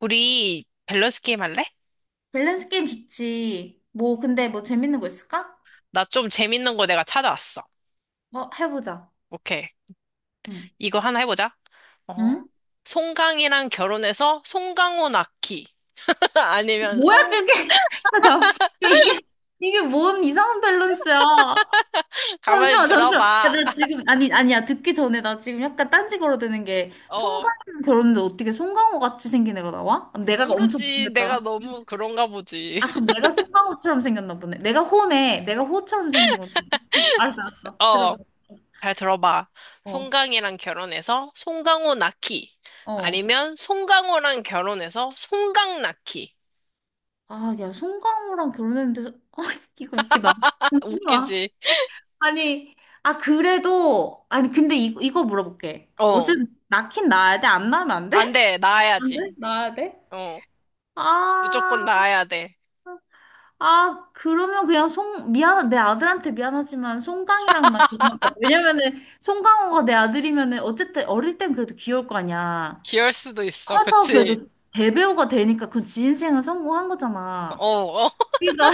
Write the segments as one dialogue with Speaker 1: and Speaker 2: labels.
Speaker 1: 우리 밸런스 게임 할래?
Speaker 2: 밸런스 게임 좋지. 뭐, 근데 뭐 재밌는 거 있을까?
Speaker 1: 나 좀 재밌는 거 내가 찾아왔어.
Speaker 2: 어, 해보자.
Speaker 1: 오케이.
Speaker 2: 응.
Speaker 1: 이거 하나 해보자. 어,
Speaker 2: 응?
Speaker 1: 송강이랑 결혼해서 송강호 낳기. 아니면
Speaker 2: 뭐야,
Speaker 1: 송,
Speaker 2: 그게? 야, 잠깐. 야, 이게, 이게 뭔 이상한 밸런스야.
Speaker 1: 가만히
Speaker 2: 잠시만, 잠시만. 야,
Speaker 1: 들어봐.
Speaker 2: 나 지금, 아니, 아니야. 듣기 전에 나 지금 약간 딴지 걸어대는 게, 송강호
Speaker 1: 어,
Speaker 2: 결혼인데 어떻게 송강호 같이 생긴 애가 나와? 내가 엄청
Speaker 1: 모르지. 내가
Speaker 2: 못생겼다.
Speaker 1: 너무 그런가 보지.
Speaker 2: 아, 그럼 내가 송강호처럼 생겼나 보네. 내가 호네. 내가 호처럼 생긴 건데. 알았어, 알았어. 들어봐.
Speaker 1: 어, 잘 들어봐.
Speaker 2: 어,
Speaker 1: 송강이랑 결혼해서 송강호 낳기.
Speaker 2: 어.
Speaker 1: 아니면 송강호랑 결혼해서 송강 낳기.
Speaker 2: 아, 야, 송강호랑 결혼했는데, 아, 이거 웃기다. 잠시만.
Speaker 1: 웃기지?
Speaker 2: 아니, 아, 그래도, 아니, 근데 이거 물어볼게.
Speaker 1: 어,
Speaker 2: 어쨌든, 낳긴 낳아야 돼? 안 낳으면 안 돼?
Speaker 1: 안 돼.
Speaker 2: 안 돼?
Speaker 1: 낳아야지.
Speaker 2: 나야 돼?
Speaker 1: 어,
Speaker 2: 아,
Speaker 1: 무조건 낳아야 돼.
Speaker 2: 아, 그러면 그냥 송, 미안, 내 아들한테 미안하지만 송강이랑 나 결혼할 것 같아. 왜냐면은, 송강호가 내 아들이면은, 어쨌든 어릴 땐 그래도 귀여울 거 아니야.
Speaker 1: 귀여울 수도 있어,
Speaker 2: 커서
Speaker 1: 그치?
Speaker 2: 그래도 대배우가 되니까 그건 지 인생은 성공한 거잖아.
Speaker 1: 어, 어.
Speaker 2: 그러니까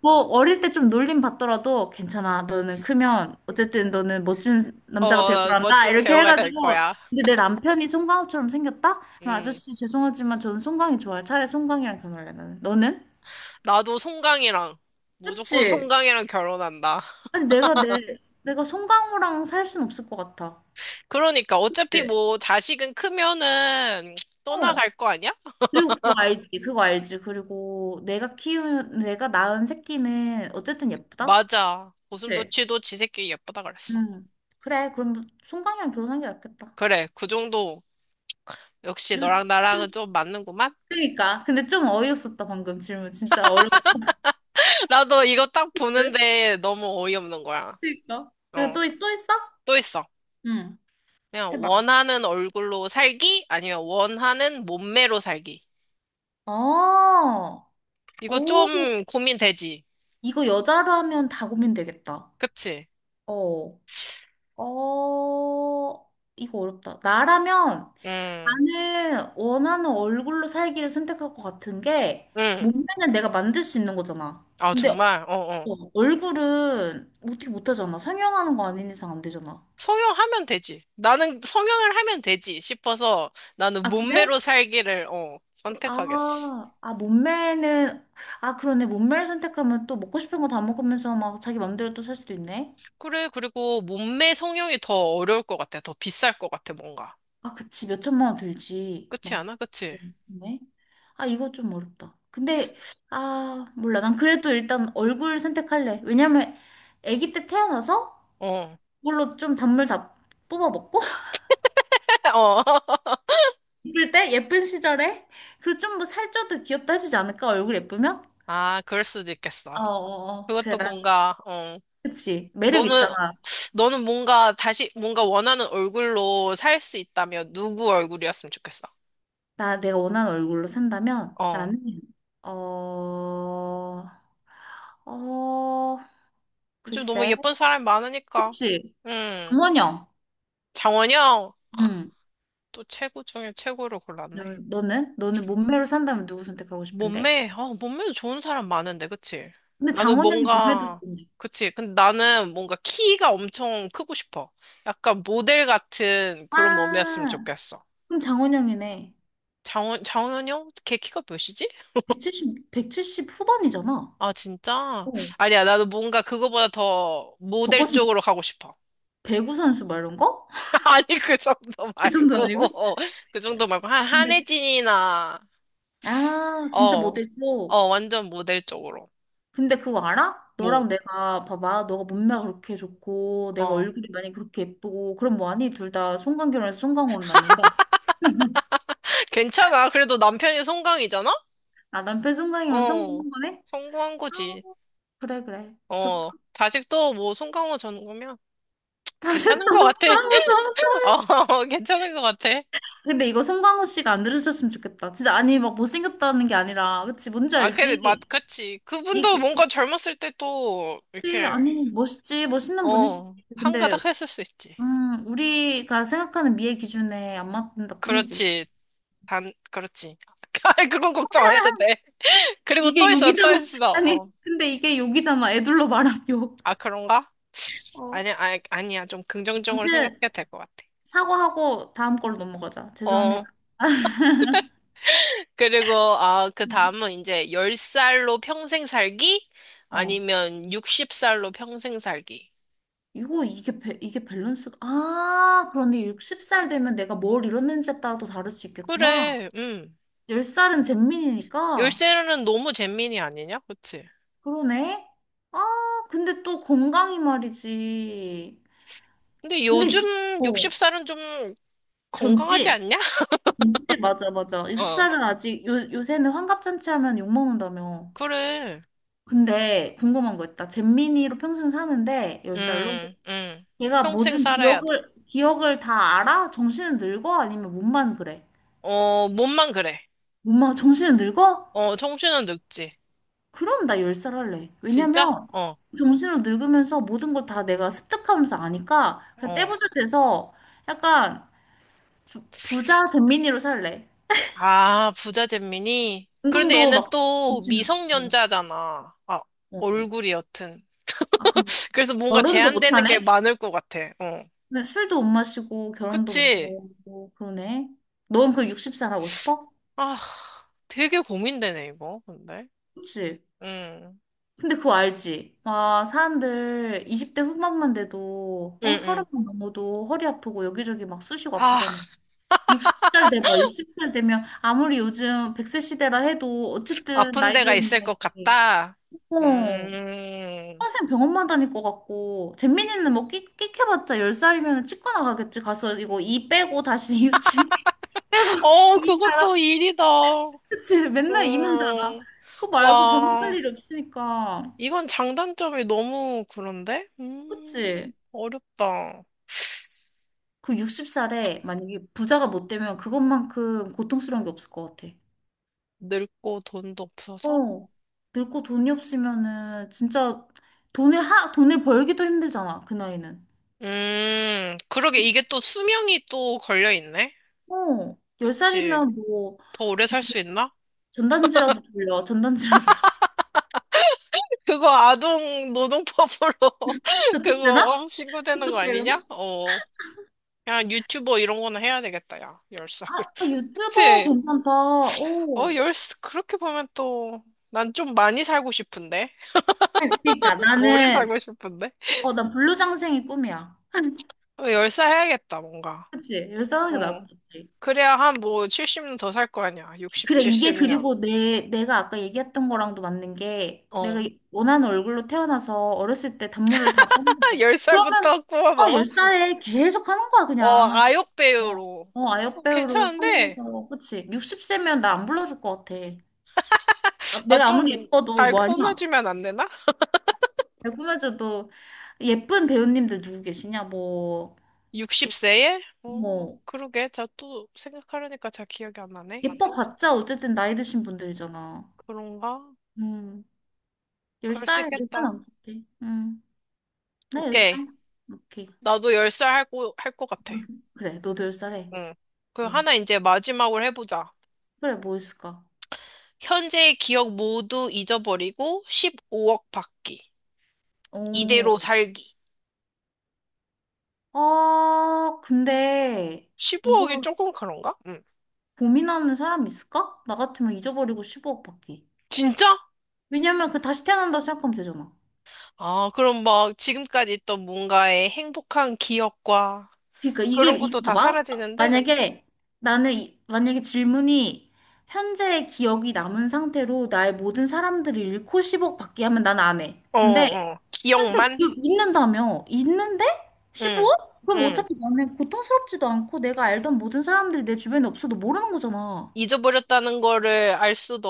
Speaker 2: 뭐 어릴 때 좀 놀림 받더라도 괜찮아. 너는 크면 어쨌든 너는 멋진 남자가 될 거란다.
Speaker 1: 멋진
Speaker 2: 이렇게
Speaker 1: 배우가 될
Speaker 2: 해가지고
Speaker 1: 거야.
Speaker 2: 근데 내 남편이 송강호처럼 생겼다? 그럼
Speaker 1: 음.
Speaker 2: 아저씨 죄송하지만 저는 송강이 좋아요. 차라리 송강이랑 결혼할래 나는. 너는?
Speaker 1: 나도 송강이랑, 무조건
Speaker 2: 그치?
Speaker 1: 송강이랑 결혼한다.
Speaker 2: 아니 내가 송강호랑 살 순 없을 것 같아.
Speaker 1: 그러니까, 어차피
Speaker 2: 네.
Speaker 1: 뭐, 자식은 크면은,
Speaker 2: 어.
Speaker 1: 떠나갈 거 아니야?
Speaker 2: 그리고 그거 알지? 그거 알지? 그리고 내가 키운 내가 낳은 새끼는 어쨌든 예쁘다.
Speaker 1: 맞아.
Speaker 2: 그치?
Speaker 1: 고슴도치도 지 새끼 예쁘다 그랬어.
Speaker 2: 응. 그래. 그럼 송강이랑 결혼하는 게 낫겠다.
Speaker 1: 그래, 그 정도. 역시
Speaker 2: 좀
Speaker 1: 너랑 나랑은 좀 맞는구만?
Speaker 2: 그니까. 근데 좀 어이없었다, 방금 질문. 진짜 어려웠지?
Speaker 1: 나도 이거 딱 보는데 너무 어이없는 거야.
Speaker 2: 그니까. 그리고
Speaker 1: 어,
Speaker 2: 또, 또 있어?
Speaker 1: 또 있어.
Speaker 2: 응.
Speaker 1: 그냥
Speaker 2: 해봐.
Speaker 1: 원하는 얼굴로 살기? 아니면 원하는 몸매로 살기.
Speaker 2: 어,
Speaker 1: 이거
Speaker 2: 오,
Speaker 1: 좀 고민되지.
Speaker 2: 이거 여자로 하면 다 고민되겠다.
Speaker 1: 그치?
Speaker 2: 어, 어, 이거 어렵다. 나라면
Speaker 1: 음,
Speaker 2: 나는 원하는 얼굴로 살기를 선택할 것 같은 게
Speaker 1: 음.
Speaker 2: 몸매는 내가 만들 수 있는 거잖아.
Speaker 1: 아,
Speaker 2: 근데
Speaker 1: 정말? 어, 어.
Speaker 2: 어, 얼굴은 어떻게 못하잖아. 성형하는 거 아닌 이상 안 되잖아.
Speaker 1: 성형하면 되지. 나는 성형을 하면 되지 싶어서 나는
Speaker 2: 아, 그래?
Speaker 1: 몸매로 살기를, 선택하겠어.
Speaker 2: 아, 아, 몸매는, 아, 그러네. 몸매를 선택하면 또 먹고 싶은 거 다 먹으면서 막 자기 맘대로 또 살 수도 있네.
Speaker 1: 그래, 그리고 몸매 성형이 더 어려울 것 같아. 더 비쌀 것 같아, 뭔가.
Speaker 2: 아, 그치. 몇 천만 원 들지.
Speaker 1: 그치
Speaker 2: 막,
Speaker 1: 않아? 그치?
Speaker 2: 네. 아, 이거 좀 어렵다. 근데, 아, 몰라. 난 그래도 일단 얼굴 선택할래. 왜냐면, 아기 때 태어나서
Speaker 1: 어.
Speaker 2: 그걸로 좀 단물 다 뽑아 먹고,
Speaker 1: 어.
Speaker 2: 예쁠 때, 예쁜 시절에, 그리고 좀 뭐 살쪄도 귀엽다 해주지 않을까? 얼굴 예쁘면?
Speaker 1: 아, 그럴 수도 있겠어.
Speaker 2: 어, 어, 어. 그래,
Speaker 1: 그것도
Speaker 2: 난,
Speaker 1: 뭔가, 어.
Speaker 2: 그치. 매력
Speaker 1: 너는,
Speaker 2: 있잖아.
Speaker 1: 너는 뭔가 다시, 뭔가 원하는 얼굴로 살 수 있다면 누구 얼굴이었으면 좋겠어?
Speaker 2: 나 내가 원하는 얼굴로 산다면
Speaker 1: 어.
Speaker 2: 나는 어, 어,
Speaker 1: 요즘 너무
Speaker 2: 글쎄.
Speaker 1: 예쁜 사람이 많으니까.
Speaker 2: 그치?
Speaker 1: 응.
Speaker 2: 장원영.
Speaker 1: 장원영,
Speaker 2: 응.
Speaker 1: 또 최고 중에 최고를 골랐네.
Speaker 2: 너, 너는? 너는 몸매로 산다면 누구 선택하고 싶은데?
Speaker 1: 아, 몸매도 좋은 사람 많은데, 그치?
Speaker 2: 근데
Speaker 1: 나는
Speaker 2: 장원영이 몸매도
Speaker 1: 뭔가,
Speaker 2: 좋은데.
Speaker 1: 그치? 근데 나는 뭔가 키가 엄청 크고 싶어. 약간 모델 같은 그런 몸이었으면
Speaker 2: 아,
Speaker 1: 좋겠어.
Speaker 2: 그럼 장원영이네.
Speaker 1: 장원영? 걔 키가 몇이지?
Speaker 2: 170, 170 후반이잖아.
Speaker 1: 아, 진짜?
Speaker 2: 어.
Speaker 1: 아니야, 나도 뭔가 그거보다 더 모델
Speaker 2: 저것은
Speaker 1: 쪽으로 가고 싶어.
Speaker 2: 배구 선수 말이 거?
Speaker 1: 아니, 그 정도
Speaker 2: 그 정도
Speaker 1: 말고.
Speaker 2: 아니고?
Speaker 1: 그 정도 말고.
Speaker 2: 근데
Speaker 1: 한혜진이나.
Speaker 2: 아, 진짜
Speaker 1: 어,
Speaker 2: 모델 쪽.
Speaker 1: 완전 모델 쪽으로.
Speaker 2: 근데 그거 알아?
Speaker 1: 뭐,
Speaker 2: 너랑 내가 봐봐 너가 몸매가 그렇게 좋고 내가
Speaker 1: 어.
Speaker 2: 얼굴이 많이 그렇게 예쁘고 그럼 뭐하니? 둘 다 송강결혼해서 송강으로 났는데
Speaker 1: 괜찮아. 그래도 남편이 송강이잖아?
Speaker 2: 아 남편 송강이면
Speaker 1: 어,
Speaker 2: 성공한 거네?
Speaker 1: 성공한
Speaker 2: 아,
Speaker 1: 거지.
Speaker 2: 그래 그래 좋다.
Speaker 1: 자식도 뭐 송강호 전공이면
Speaker 2: 다시
Speaker 1: 괜찮은
Speaker 2: 또
Speaker 1: 것 같아.
Speaker 2: 송강호 좋다.
Speaker 1: 괜찮은 것 같아.
Speaker 2: 근데 이거 송강호 씨가 안 들으셨으면 좋겠다. 진짜, 아니 막 못생겼다는 게 아니라 그치, 뭔지
Speaker 1: 아, 그래,
Speaker 2: 알지?
Speaker 1: 그치.
Speaker 2: 이
Speaker 1: 그분도 뭔가 젊었을 때 또,
Speaker 2: 그치,
Speaker 1: 이렇게,
Speaker 2: 아니 멋있지, 멋있는 분이시지. 근데
Speaker 1: 한가닥 했을 수 있지.
Speaker 2: 우리가 생각하는 미의 기준에 안 맞는다 뿐이지.
Speaker 1: 그렇지. 그렇지. 아, 그건 걱정 안 해도 돼. 그리고
Speaker 2: 이게
Speaker 1: 또 있어, 또
Speaker 2: 욕이잖아.
Speaker 1: 있어.
Speaker 2: 아니,
Speaker 1: 어.
Speaker 2: 근데 이게 욕이잖아. 애들로 말하면 욕.
Speaker 1: 아, 그런가?
Speaker 2: 어.
Speaker 1: 아니야, 아니, 아니야. 좀 긍정적으로
Speaker 2: 아무튼
Speaker 1: 생각해도 될 것 같아.
Speaker 2: 사과하고 다음 걸로 넘어가자. 죄송합니다.
Speaker 1: 어, 그리고, 아, 그
Speaker 2: 음.
Speaker 1: 다음은 이제 10살로 평생 살기?
Speaker 2: 어.
Speaker 1: 아니면 60살로 평생 살기?
Speaker 2: 이거 이게 이게 밸런스가, 아, 그런데 60살 되면 내가 뭘 이뤘는지에 따라 또 다를 수 있겠구나.
Speaker 1: 그래,
Speaker 2: 10살은 잼민이니까
Speaker 1: 10살은 너무 잼민이 아니냐? 그치?
Speaker 2: 그러네. 아, 근데 또 건강이 말이지.
Speaker 1: 근데
Speaker 2: 근데
Speaker 1: 요즘
Speaker 2: 어,
Speaker 1: 60살은 좀 건강하지
Speaker 2: 젊지?
Speaker 1: 않냐?
Speaker 2: 젊지 맞아 맞아.
Speaker 1: 어,
Speaker 2: 60살은 아직 요 요새는 환갑잔치 하면 욕 먹는다며.
Speaker 1: 그래.
Speaker 2: 근데 궁금한 거 있다. 잼민이로 평생 사는데 10살로
Speaker 1: 음, 음.
Speaker 2: 걔가
Speaker 1: 평생
Speaker 2: 모든
Speaker 1: 살아야 돼.
Speaker 2: 기억을 다 알아? 정신은 늙어? 아니면 몸만 그래?
Speaker 1: 몸만 그래.
Speaker 2: 몸만 정신은 늙어?
Speaker 1: 정신은 늙지.
Speaker 2: 그럼 나 10살 할래.
Speaker 1: 진짜?
Speaker 2: 왜냐면
Speaker 1: 어,
Speaker 2: 정신으로 늙으면서 모든 걸 다 내가 습득하면서 아니까 그냥
Speaker 1: 어.
Speaker 2: 떼부자 돼서 약간 부자 잼민이로 살래.
Speaker 1: 아, 부자 잼민이? 그런데
Speaker 2: 운동도
Speaker 1: 얘는
Speaker 2: 막
Speaker 1: 또
Speaker 2: 열심히 하고.
Speaker 1: 미성년자잖아. 아,
Speaker 2: 어, 어.
Speaker 1: 얼굴이 여튼.
Speaker 2: 아, 그럼
Speaker 1: 그래서 뭔가
Speaker 2: 결혼도
Speaker 1: 제한되는 게
Speaker 2: 못하네?
Speaker 1: 많을 것 같아. 어.
Speaker 2: 근데 술도 못 마시고 결혼도 못
Speaker 1: 그치?
Speaker 2: 하고 그러네. 넌 그 60살 하고 싶어?
Speaker 1: 아, 되게 고민되네, 이거. 근데.
Speaker 2: 그치?
Speaker 1: 응,
Speaker 2: 근데 그거 알지? 아, 사람들 20대 후반만 돼도
Speaker 1: 응,
Speaker 2: 어,
Speaker 1: 응.
Speaker 2: 30만 넘어도 허리 아프고 여기저기 막 쑤시고
Speaker 1: 아,
Speaker 2: 아프잖아. 60살 돼봐. 60살 되면 아무리 요즘 100세 시대라 해도 어쨌든
Speaker 1: 아픈
Speaker 2: 나이
Speaker 1: 데가 있을
Speaker 2: 들었는데
Speaker 1: 것 같다.
Speaker 2: 어,
Speaker 1: 음.
Speaker 2: 평생 병원만 다닐 것 같고 잼민이는 뭐 끽, 끽 해봤자 10살이면 치과 나가겠지. 가서 이거 이 빼고 다시 유치 빼고 이
Speaker 1: 그것도 일이다.
Speaker 2: 그치? 맨날 이만 자라.
Speaker 1: 음.
Speaker 2: 그거 말고 병살
Speaker 1: 와,
Speaker 2: 일 없으니까.
Speaker 1: 이건 장단점이 너무 그런데?
Speaker 2: 그치?
Speaker 1: 어렵다.
Speaker 2: 그 60살에 만약에 부자가 못 되면 그것만큼 고통스러운 게 없을 것 같아.
Speaker 1: 늙고 돈도 없어서?
Speaker 2: 어. 늙고 돈이 없으면은 진짜 돈을 돈을 벌기도 힘들잖아, 그 나이는.
Speaker 1: 그러게. 이게 또 수명이 또 걸려 있네?
Speaker 2: 어.
Speaker 1: 그치.
Speaker 2: 10살이면 뭐
Speaker 1: 더 오래 살 수 있나?
Speaker 2: 전단지라도 돌려. 전단지라도.
Speaker 1: 그거 아동 노동법으로
Speaker 2: 저쪽
Speaker 1: 그거
Speaker 2: 되나?
Speaker 1: 신고되는 거
Speaker 2: 저쪽
Speaker 1: 아니냐?
Speaker 2: 되려나?
Speaker 1: 어. 야, 유튜버 이런 거는 해야 되겠다, 야. 10살.
Speaker 2: 아, 아, 유튜버
Speaker 1: 그치?
Speaker 2: 괜찮다.
Speaker 1: 어,
Speaker 2: 어.
Speaker 1: 열 그렇게 보면 또, 난 좀 많이 살고 싶은데?
Speaker 2: 아니, 그러니까
Speaker 1: 오래
Speaker 2: 나는
Speaker 1: 살고 싶은데?
Speaker 2: 어, 난 불로장생이 꿈이야.
Speaker 1: 10살 해야겠다, 뭔가.
Speaker 2: 그치? 열렇게 싸우는 게 나을
Speaker 1: 어.
Speaker 2: 것 같아.
Speaker 1: 그래야 한 뭐 70년 더 살 거 아니야. 60,
Speaker 2: 그래, 이게
Speaker 1: 70년.
Speaker 2: 그리고 내가 아까 얘기했던 거랑도 맞는 게, 내가 원하는 얼굴로 태어나서 어렸을 때 단물을 다 뺐는데, 그러면,
Speaker 1: 10살부터 꼬아
Speaker 2: 어,
Speaker 1: 먹어?
Speaker 2: 10살에 계속 하는 거야, 그냥.
Speaker 1: 아역
Speaker 2: 어,
Speaker 1: 배우로.
Speaker 2: 어, 아역배우로
Speaker 1: 괜찮은데?
Speaker 2: 성공해서, 그치? 60세면 나 안 불러줄 것 같아. 아,
Speaker 1: 아,
Speaker 2: 내가 아무리
Speaker 1: 좀
Speaker 2: 예뻐도
Speaker 1: 잘
Speaker 2: 뭐 하냐?
Speaker 1: 꾸며주면 안 되나?
Speaker 2: 잘 꾸며줘도 예쁜 배우님들 누구 계시냐? 뭐, 예,
Speaker 1: 60세에? 어,
Speaker 2: 뭐,
Speaker 1: 그러게. 자, 또 생각하려니까 잘 기억이 안 나네.
Speaker 2: 예뻐봤자 어쨌든 나이 드신 분들이잖아.
Speaker 1: 그런가?
Speaker 2: 음.
Speaker 1: 그럴 수
Speaker 2: 10살, 10살
Speaker 1: 있겠다.
Speaker 2: 안 같아. 응. 나
Speaker 1: 오케이.
Speaker 2: 10살. 오케이.
Speaker 1: 나도 10살 할 것 같아.
Speaker 2: 그래, 너도 10살 해.
Speaker 1: 응. 그
Speaker 2: 응.
Speaker 1: 하나 이제 마지막으로 해보자.
Speaker 2: 그래, 뭐 있을까?
Speaker 1: 현재의 기억 모두 잊어버리고 15억 받기. 이대로
Speaker 2: 오.
Speaker 1: 살기.
Speaker 2: 아, 근데 이걸
Speaker 1: 15억이 조금 그런가? 응.
Speaker 2: 고민하는 사람 있을까? 나 같으면 잊어버리고 1오억 받기.
Speaker 1: 진짜?
Speaker 2: 왜냐면 그 다시 태어난다 생각하면 되잖아.
Speaker 1: 아, 그럼 막 지금까지 있던 뭔가의 행복한 기억과
Speaker 2: 그러니까 이게
Speaker 1: 그런
Speaker 2: 이게
Speaker 1: 것도 다
Speaker 2: 봐봐.
Speaker 1: 사라지는데?
Speaker 2: 만약에 나는 만약에 질문이 현재의 기억이 남은 상태로 나의 모든 사람들을 잃고 10억 받기 하면 난 안 해.
Speaker 1: 어,
Speaker 2: 근데
Speaker 1: 어, 어.
Speaker 2: 현재
Speaker 1: 기억만?
Speaker 2: 기억 있는다며 있는데 1
Speaker 1: 응,
Speaker 2: 억 그럼
Speaker 1: 응.
Speaker 2: 어차피 나는 고통스럽지도 않고 내가 알던 모든 사람들이 내 주변에 없어도 모르는 거잖아.
Speaker 1: 잊어버렸다는 거를 알 수도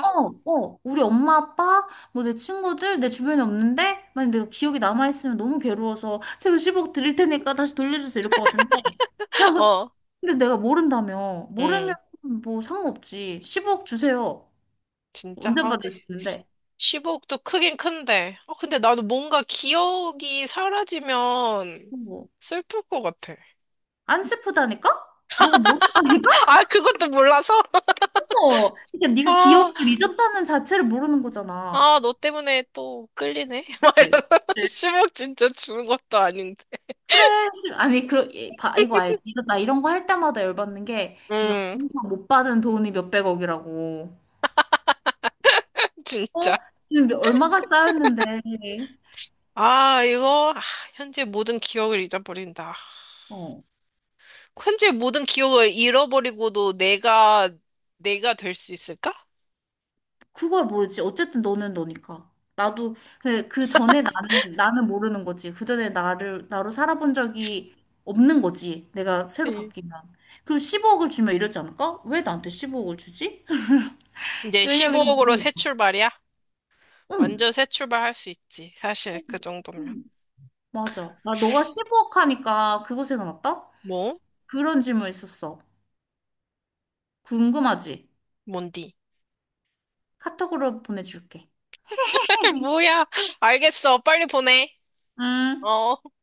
Speaker 2: 어, 어, 우리 엄마, 아빠, 뭐 내 친구들, 내 주변에 없는데, 만약 내가 기억이 남아있으면 너무 괴로워서, 제가 10억 드릴 테니까 다시 돌려주세요. 이럴 것 같은데.
Speaker 1: 어,
Speaker 2: 근데 내가 모른다며. 모르면
Speaker 1: 응.
Speaker 2: 뭐 상관없지. 10억 주세요.
Speaker 1: 진짜?
Speaker 2: 언제
Speaker 1: 아, 근데
Speaker 2: 받을 수 있는데.
Speaker 1: 10억도 크긴 큰데. 아, 근데 나도 뭔가 기억이 사라지면
Speaker 2: 뭐.
Speaker 1: 슬플 것 같아.
Speaker 2: 안 슬프다니까? 너가 모른다니까?
Speaker 1: 아, 그것도 몰라서?
Speaker 2: 어. 그러니까 네가
Speaker 1: 아,
Speaker 2: 기억을 잊었다는 자체를 모르는 거잖아.
Speaker 1: 아, 너 때문에 또 끌리네? 막
Speaker 2: 네,
Speaker 1: 이러면서 10억 진짜 주는 것도 아닌데.
Speaker 2: 그래 씨, 아니, 그러, 봐, 이거 알지? 이나 이런 거 할 때마다 열받는 게 이렇게
Speaker 1: 응.
Speaker 2: 항상 못 받은 돈이 몇백억이라고. 어?
Speaker 1: 진짜.
Speaker 2: 지금 얼마가 쌓였는데.
Speaker 1: 아, 현재 모든 기억을 잊어버린다.
Speaker 2: 어.
Speaker 1: 현재 모든 기억을 잃어버리고도 내가 될 수 있을까?
Speaker 2: 그걸 모르지. 어쨌든 너는 너니까. 나도 근데 그 전에 나는 모르는 거지. 그 전에 나를 나로 살아본 적이 없는 거지. 내가 새로
Speaker 1: 네.
Speaker 2: 바뀌면. 그럼 15억을 주면 이러지 않을까? 왜 나한테 15억을 주지?
Speaker 1: 이제
Speaker 2: 왜냐면 이거
Speaker 1: 15억으로
Speaker 2: 뭘?
Speaker 1: 새 출발이야?
Speaker 2: 응.
Speaker 1: 완전 새 출발할 수 있지. 사실, 그 정도면.
Speaker 2: 응. 맞아. 나 너가 15억 하니까 그거 생각났다?
Speaker 1: 뭐?
Speaker 2: 그런 질문 있었어. 궁금하지?
Speaker 1: 뭔디?
Speaker 2: 카톡으로 보내줄게.
Speaker 1: 뭐야? 알겠어. 빨리 보내.
Speaker 2: 응.
Speaker 1: 어.